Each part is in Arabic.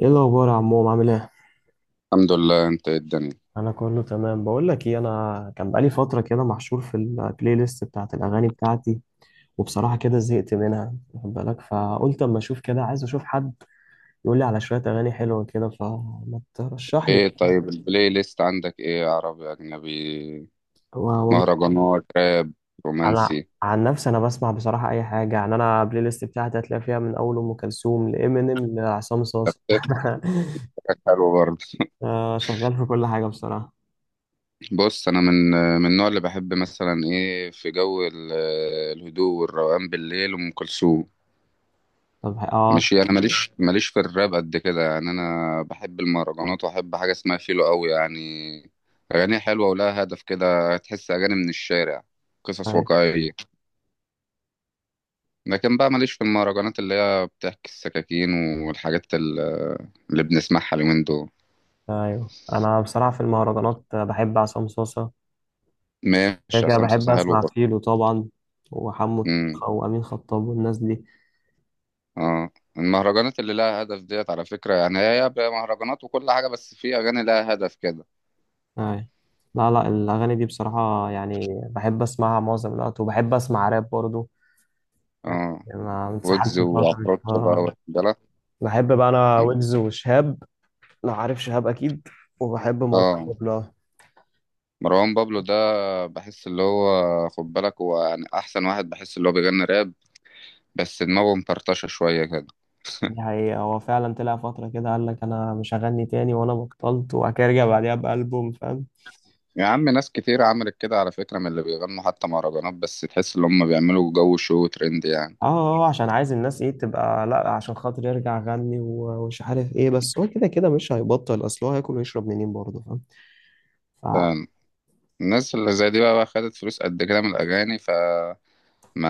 ايه الاخبار يا عمو؟ عامل ايه؟ الحمد لله، انت ايه الدنيا؟ انا كله تمام. بقول لك ايه، انا كان بقالي فتره كده محشور في البلاي ليست بتاعت الاغاني بتاعتي، وبصراحه كده زهقت منها واخد بالك، فقلت اما اشوف كده، عايز اشوف حد يقول لي على شويه اغاني حلوه كده، فما ترشح لي ايه كده. طيب، البلاي ليست عندك ايه؟ عربي، اجنبي، و- والله مهرجانات، راب، انا رومانسي؟ عن نفسي انا بسمع بصراحه اي حاجه، يعني انا البلاي ليست بتاعتي هتلاقي فيها من اول ام كلثوم لامينيم لعصام صاصا حاجات حلوه برضه. شغال في كل حاجه بصراحه. بص انا من النوع اللي بحب مثلا ايه في جو الهدوء والروقان بالليل ام كلثوم. طب اه مش انا ماليش في الراب قد كده، يعني انا بحب المهرجانات واحب حاجه اسمها فيلو قوي، يعني اغاني حلوه ولها هدف كده، تحس اغاني من الشارع، قصص طيب. واقعيه. لكن بقى ماليش في المهرجانات اللي هي بتحكي السكاكين والحاجات اللي بنسمعها اليومين دول. ايوه انا بصراحه في المهرجانات بحب عصام صاصا، كده ماشي، كده عصام بحب صاصا حلو اسمع برضه. فيلو طبعا، وحمو الطيخة امم وامين خطاب والناس دي. اه. المهرجانات اللي لها هدف ديت على فكرة، يعني هي بقى مهرجانات وكل حاجة، بس في أغاني لها هدف كده. ايوه، لا لا الاغاني دي بصراحه يعني بحب اسمعها معظم الوقت، وبحب اسمع راب برضو. يعني اه، انا ويجز اتسحلت فتره وعفروتو بقى، واخد بالك. بحب بقى انا مم. ويجز وشهاب، لو عارف شهاب اكيد، وبحب مروان اه، بابلو أوي. مروان بابلو ده بحس اللي هو، خد بالك، هو يعني أحسن واحد، بحس اللي هو بيغني راب بس دماغه مفرطشة شوية كده. دي حقيقة، هو فعلا طلع فترة كده قال لك أنا مش هغني تاني، وأنا بطلت، وبعد كده رجع بعديها بألبوم، فاهم؟ يا عم، ناس كتير عملت كده على فكرة، من اللي بيغنوا حتى مهرجانات، بس تحس ان هم بيعملوا جو شو ترند يعني. اه، عشان عايز الناس ايه تبقى، لا عشان خاطر يرجع غني ومش عارف ايه، بس هو كده كده مش هيبطل، اصل هو هياكل ويشرب منين برضه، فاهم؟ ف- فالناس اللي زي دي بقى خدت فلوس قد كده من الأغاني، فما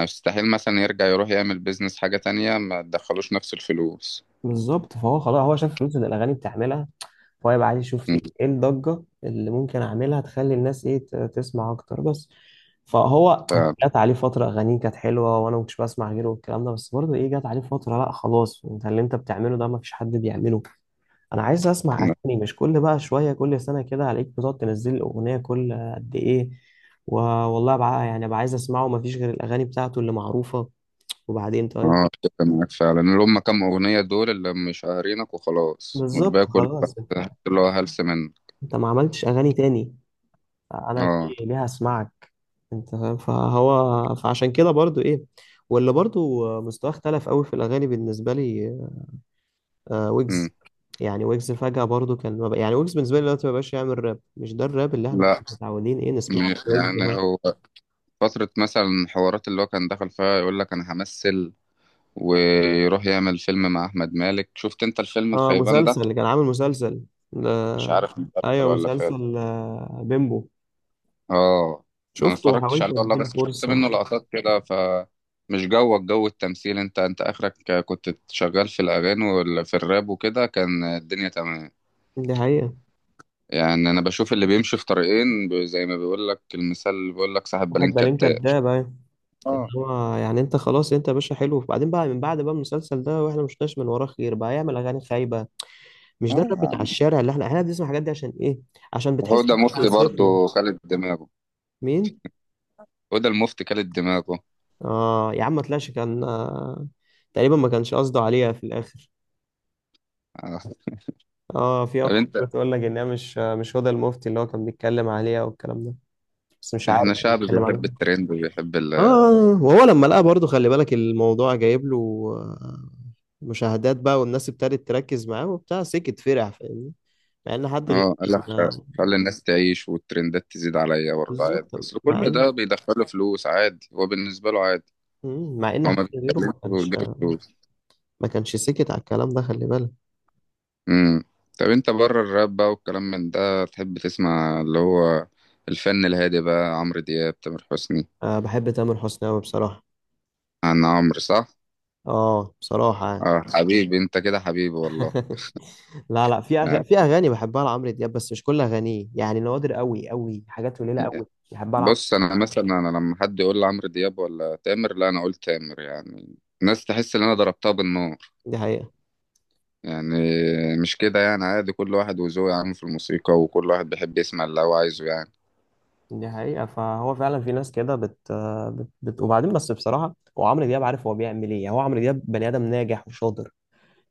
يستحيل مثلا يرجع يروح يعمل بيزنس حاجة تانية ما تدخلوش نفس الفلوس. بالظبط، فهو خلاص هو شاف فلوس اللي الاغاني بتعملها، فهو يبقى عايز يشوف م، ايه، إيه الضجه اللي ممكن اعملها تخلي الناس ايه تسمع اكتر بس. فهو ف جت عليه فتره اغانيه كانت حلوه، وانا ما كنتش بسمع غيره والكلام ده، بس برضه ايه جت عليه فتره لا خلاص انت اللي انت بتعمله ده ما فيش حد بيعمله. انا عايز اسمع اغاني، مش كل بقى شويه كل سنه كده عليك بتقعد تنزل لي اغنيه كل قد ايه. والله بقى يعني بقى عايز اسمعه، مفيش غير الاغاني بتاعته اللي معروفه. وبعدين طيب أتفق معاك فعلا، اللي هم كام أغنية دول اللي مشهرينك وخلاص، بالظبط والباقي كله خلاص. انت اللي هو هلس منه. انت ما عملتش اغاني تاني، انا اه. ليه هسمعك؟ انت فاهم، فهو فعشان كده برضو ايه، واللي برضو مستواه اختلف قوي في الاغاني بالنسبه لي. آه، م. ويجز، يعني ويجز فجأة برضو كان ما بق- يعني ويجز بالنسبة لي دلوقتي ما بقاش يعمل راب، مش ده الراب اللي احنا كنا لا. متعودين ايه نسمعه م- من ويجز. يعني هو فترة مثلا، حوارات اللي هو كان دخل فيها يقول لك أنا همثل، ويروح يعمل فيلم مع احمد مالك، شفت انت الفيلم اه، الخيبان ده؟ مسلسل اللي كان عامل مسلسل ده، مش عارف، مسلسل ايوه ولا فيلم. مسلسل بيمبو. اه، انا شفته اتفرجتش وحاولت عليه والله، اديله بس شفت فرصه. منه لقطات كده، فمش جوك جو التمثيل، انت اخرك كنت شغال في الاغاني وفي الراب وكده كان الدنيا تمام. دي حقيقه. يعني انا بشوف اللي بيمشي في طريقين زي ما بيقول لك المثال، اللي بيقول لك صاحب بالين واحد بالين كداب. كداب، ايوه، اللي اه، هو يعني انت خلاص انت يا باشا حلو، وبعدين بقى من بعد بقى المسلسل ده واحنا مش شفناش من وراه خير، بقى يعمل اغاني خايبه؟ مش اه، ده الراب يا بتاع عم. الشارع اللي احنا بنسمع الحاجات دي عشان ايه؟ عشان هو بتحس ده ان انت مفتي وصفنا. برضه خالد دماغه. مين؟ هو ده المفتي خالد دماغه. اه يا عم ما طلعش، كان تقريبا ما كانش قصده عليها في الاخر. آه. اه، في طب اكو انت، بتقول لك ان هي مش، مش هدى المفتي اللي هو كان بيتكلم عليها والكلام ده، بس مش عارف احنا شعب بيتكلم بيحب عن، الترند وبيحب ال. وهو لما لقى برضه خلي بالك الموضوع جايب له آه، مشاهدات بقى، والناس ابتدت تركز معاه وبتاع، سكت فرح، فاهمني؟ مع ان حد غيره اه قال لك: كان خلي الناس تعيش والترندات تزيد عليا، برضه عادي، بالظبط. بس مع كل ان، ده بيدخله فلوس، عادي هو بالنسبة له عادي. مع ان هو حد ما غيره بيتكلمش ما كانش وبيجيب فلوس. ما كانش سكت على الكلام ده، خلي بالك. امم طب انت بره الراب بقى والكلام من ده، تحب تسمع اللي هو الفن الهادي بقى؟ عمرو دياب، تامر حسني؟ أه، بحب تامر حسني قوي بصراحة. عن عمرو صح؟ اه بصراحة يعني. اه، حبيبي انت كده، حبيبي والله. لا لا، يعني في اغاني بحبها لعمرو دياب، بس مش كل اغانيه، يعني نوادر قوي قوي، حاجات قليلة قوي بحبها لعمرو. بص انا مثلا انا لما حد يقول لي عمرو دياب ولا تامر، لا انا اقول تامر، يعني الناس تحس ان انا ضربتها بالنار، دي حقيقة. يعني مش كده، يعني عادي، كل واحد وذوقه يا عم في الموسيقى، وكل واحد بيحب يسمع اللي هو عايزه يعني. دي حقيقة، فهو فعلا في ناس كده وبعدين بس بصراحة هو عمرو دياب عارف هو بيعمل ايه، يعني هو عمرو دياب بني آدم ناجح وشاطر،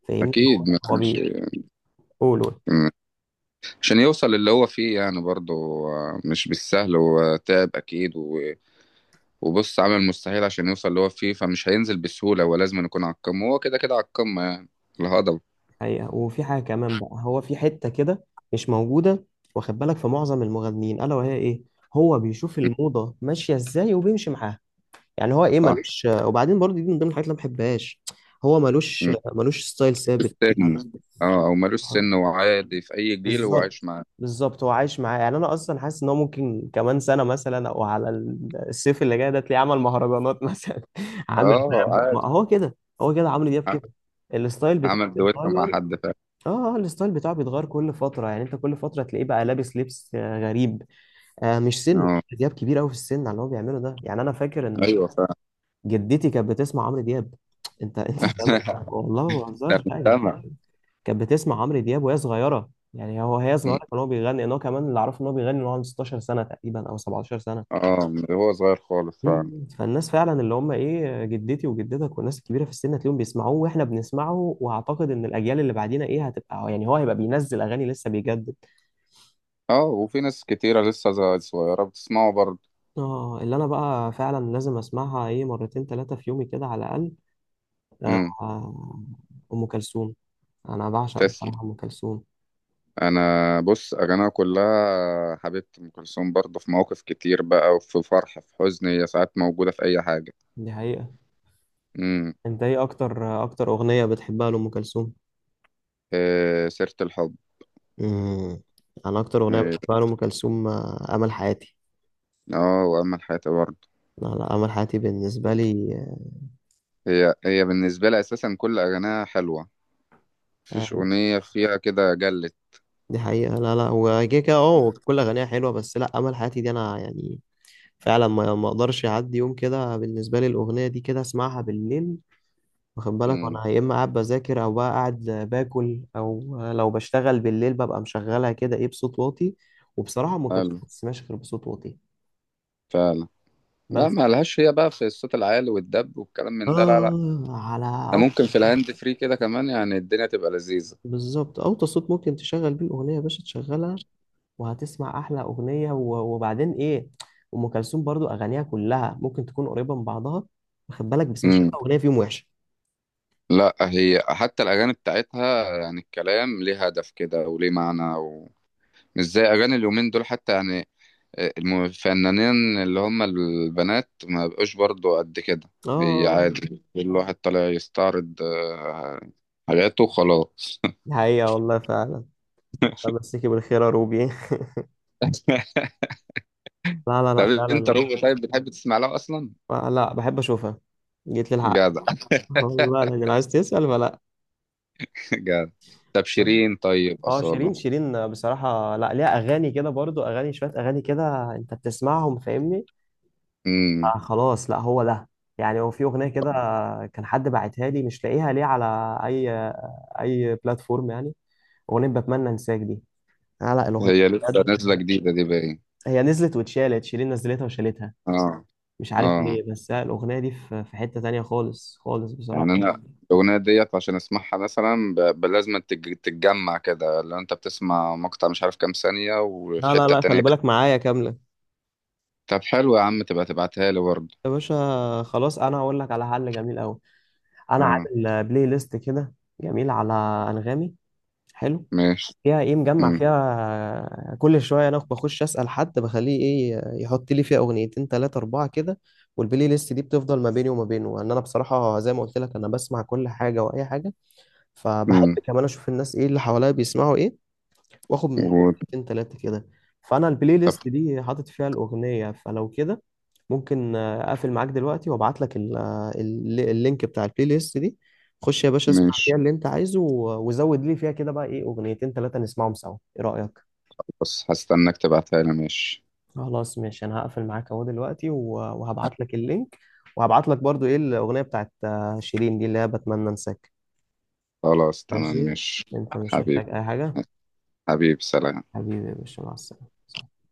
فاهمني؟ هو أكيد ما هو كانش، بيقول، قول. م- عشان يوصل اللي هو فيه يعني برضه، مش بالسهل، هو تعب أكيد و- وبص، عمل المستحيل عشان يوصل اللي هو فيه، فمش هينزل بسهولة، هو لازم يكون على القمة، هو كده كده على القمة يعني الهضبة. حقيقة. وفي حاجة كمان بقى هو في حتة كده مش موجودة واخد بالك في معظم المغنيين، ألا وهي ايه، هو بيشوف الموضة ماشية ازاي وبيمشي معاها، يعني هو ايه صح. ملوش، وبعدين برضه دي من ضمن الحاجات اللي أنا ما بحبهاش، هو ملوش م- ملوش ستايل ثابت يعني. السن. اه، أو ملوش سن وعادي في أي جيل هو عايش بالظبط، معاه. بالظبط هو عايش معاه، يعني انا اصلا حاسس ان هو ممكن كمان سنه مثلا، او على الصيف اللي جاي ده تلاقيه عمل مهرجانات مثلا عامل اه راب، ما عادي. هو كده، هو كده عمرو دياب ع- كده، الستايل بتاعه عمل دويتو مع بيتغير. حد فعلا؟ اه الستايل بتاعه بيتغير كل فتره، يعني انت كل فتره تلاقيه بقى لابس لبس غريب. آه، مش سنه عمرو اه، دياب كبير قوي في السن على اللي هو بيعمله ده، يعني انا فاكر ان أيوه فعلا. جدتي كانت بتسمع عمرو دياب، انت فاهم، والله ما ده بهزرش حاجه، مجتمع. كانت بتسمع عمرو دياب وهي صغيره، يعني هو هي صغيره كان هو بيغني، ان هو كمان اللي اعرفه ان هو بيغني ان هو عنده 16 سنه تقريبا او 17 سنه. اه، من هو صغير خالص فعلا. مم. فالناس فعلا اللي هم ايه، جدتي وجدتك والناس الكبيره في السن هتلاقيهم بيسمعوه، واحنا بنسمعه، واعتقد ان الاجيال اللي بعدينا ايه هتبقى، يعني هو هيبقى بينزل اغاني لسه بيجدد. اه، وفي ناس كتيرة لسه صغيرة بتسمعه برضه. اه، اللي انا بقى فعلا لازم اسمعها ايه مرتين ثلاثه في يومي كده على الاقل، آه، امم. آه، ام كلثوم، انا بعشق تسلم. بصراحه ام كلثوم. انا بص، اغانيها كلها حبيبتي ام كلثوم، برضه في مواقف كتير بقى، وفي فرح، في حزن، هي ساعات موجودة في اي حاجة. دي حقيقه. امم. انت ايه اكتر اغنيه بتحبها لام كلثوم؟ إيه سيرة الحب. امم، انا اكتر اغنيه إيه، بحبها لام كلثوم امل حياتي. اه، وامل حياتي برضه. لا لا، امل حياتي بالنسبه لي هي هي بالنسبة لي اساسا كل اغانيها حلوة، مفيش آه، اغنية فيها كده جلت. دي حقيقه. لا لا، هو كده كده اه كل اغانيها حلوه، بس لا امل حياتي دي انا يعني فعلا ما اقدرش اعدي يوم كده، بالنسبه لي الاغنيه دي كده اسمعها بالليل، واخد بالك، امم. وانا يا اما قاعد بذاكر او بقى قاعد باكل، او لو بشتغل بالليل ببقى مشغلها كده ايه بصوت واطي. وبصراحه ام كلثوم حلو. ما بتسمعش غير بصوت واطي، فعلا. لا، بس. ما لهاش هي بقى في الصوت العالي والدب والكلام من ده، لا، لا. اه، على ده أول ممكن في صوت، الهاند فري كده كمان، يعني الدنيا تبقى لذيذة. بالظبط اوطى صوت ممكن تشغل بيه الاغنيه يا باشا تشغلها، وهتسمع احلى اغنيه. وبعدين ايه، ام كلثوم برضو اغانيها كلها ممكن تكون قريبه من بعضها واخد بالك، بس مفيش امم. ولا اغنيه فيهم وحشه. لا، هي حتى الأغاني بتاعتها يعني الكلام ليه هدف كده وليه معنى، ومش زي أغاني اليومين دول حتى، يعني الفنانين اللي هم البنات ما بقوش برضو قد كده، هي اه، عادي كل واحد طالع يستعرض حاجاته وخلاص. دي حقيقه، والله فعلا. الله يمسيكي بالخير يا روبي. لا لا لا، طب فعلا انت والله. روبي طيب بتحب تسمع لها اصلا؟ آه، لا بحب اشوفها، جيت للحق، جدع. والله العظيم. عايز تسال ولا؟ جدع. طب لا. شيرين؟ طيب اه، شيرين، أصالة؟ شيرين بصراحه، لا ليها اغاني كده برضو، اغاني شويه، اغاني كده انت بتسمعهم فاهمني؟ امم. آه خلاص، لا هو ده، يعني هو في اغنيه كده كان حد باعتها لي، مش لاقيها ليه، على اي، اي بلاتفورم يعني، اغنيه بتمنى انساك دي. لا لا الاغنيه، هي لسه نازلة بجد، جديدة دي باين. هي نزلت واتشالت، شيرين نزلتها وشالتها، اه، مش عارف اه، ليه، بس لا، الاغنيه دي في، في حته تانية خالص خالص يعني بصراحه. انا، يعني الاغنيه ديت عشان اسمعها مثلا لازم تتجمع كده، لو انت بتسمع مقطع مش عارف كام ثانيه وفي لا لا حته لا، تانية خلي ك- بالك معايا كامله. طب حلو يا عم، تبقى تبعتها لي برضه. يا باشا خلاص انا هقول لك على حل جميل قوي، انا اه عامل بلاي ليست كده جميل على انغامي، حلو، ماشي. فيها ايه مجمع امم، فيها كل شويه انا بخش اسال حد بخليه ايه يحط لي فيها اغنيتين ثلاثه اربعه كده، والبلاي ليست دي بتفضل ما بيني وما بينه لان انا بصراحه زي ما قلت لك انا بسمع كل حاجه واي حاجه، فبحب امم. كمان اشوف الناس ايه اللي حواليا بيسمعوا ايه، واخد منهم و- اغنيتين ثلاثه كده. فانا البلاي طب ليست دي حاطط فيها الاغنيه، فلو كده ممكن اقفل معاك دلوقتي وابعت لك اللينك بتاع البلاي ليست دي، خش يا باشا اسمع ماشي، فيها اللي انت عايزه، وزود لي فيها كده بقى ايه اغنيتين ثلاثة نسمعهم سوا، ايه رأيك؟ بس هستناك تبعتها لي ماشي. خلاص ماشي، انا هقفل معاك اهو دلوقتي، وهبعت لك اللينك، وهبعت لك برضو ايه الاغنية بتاعت شيرين دي اللي هي بتمنى انساك. خلاص تمام ماشي، ماشي. انت مش حبيبي، محتاج اي حاجة؟ حبيبي سلام. حبيبي يا باشا، مع السلامة.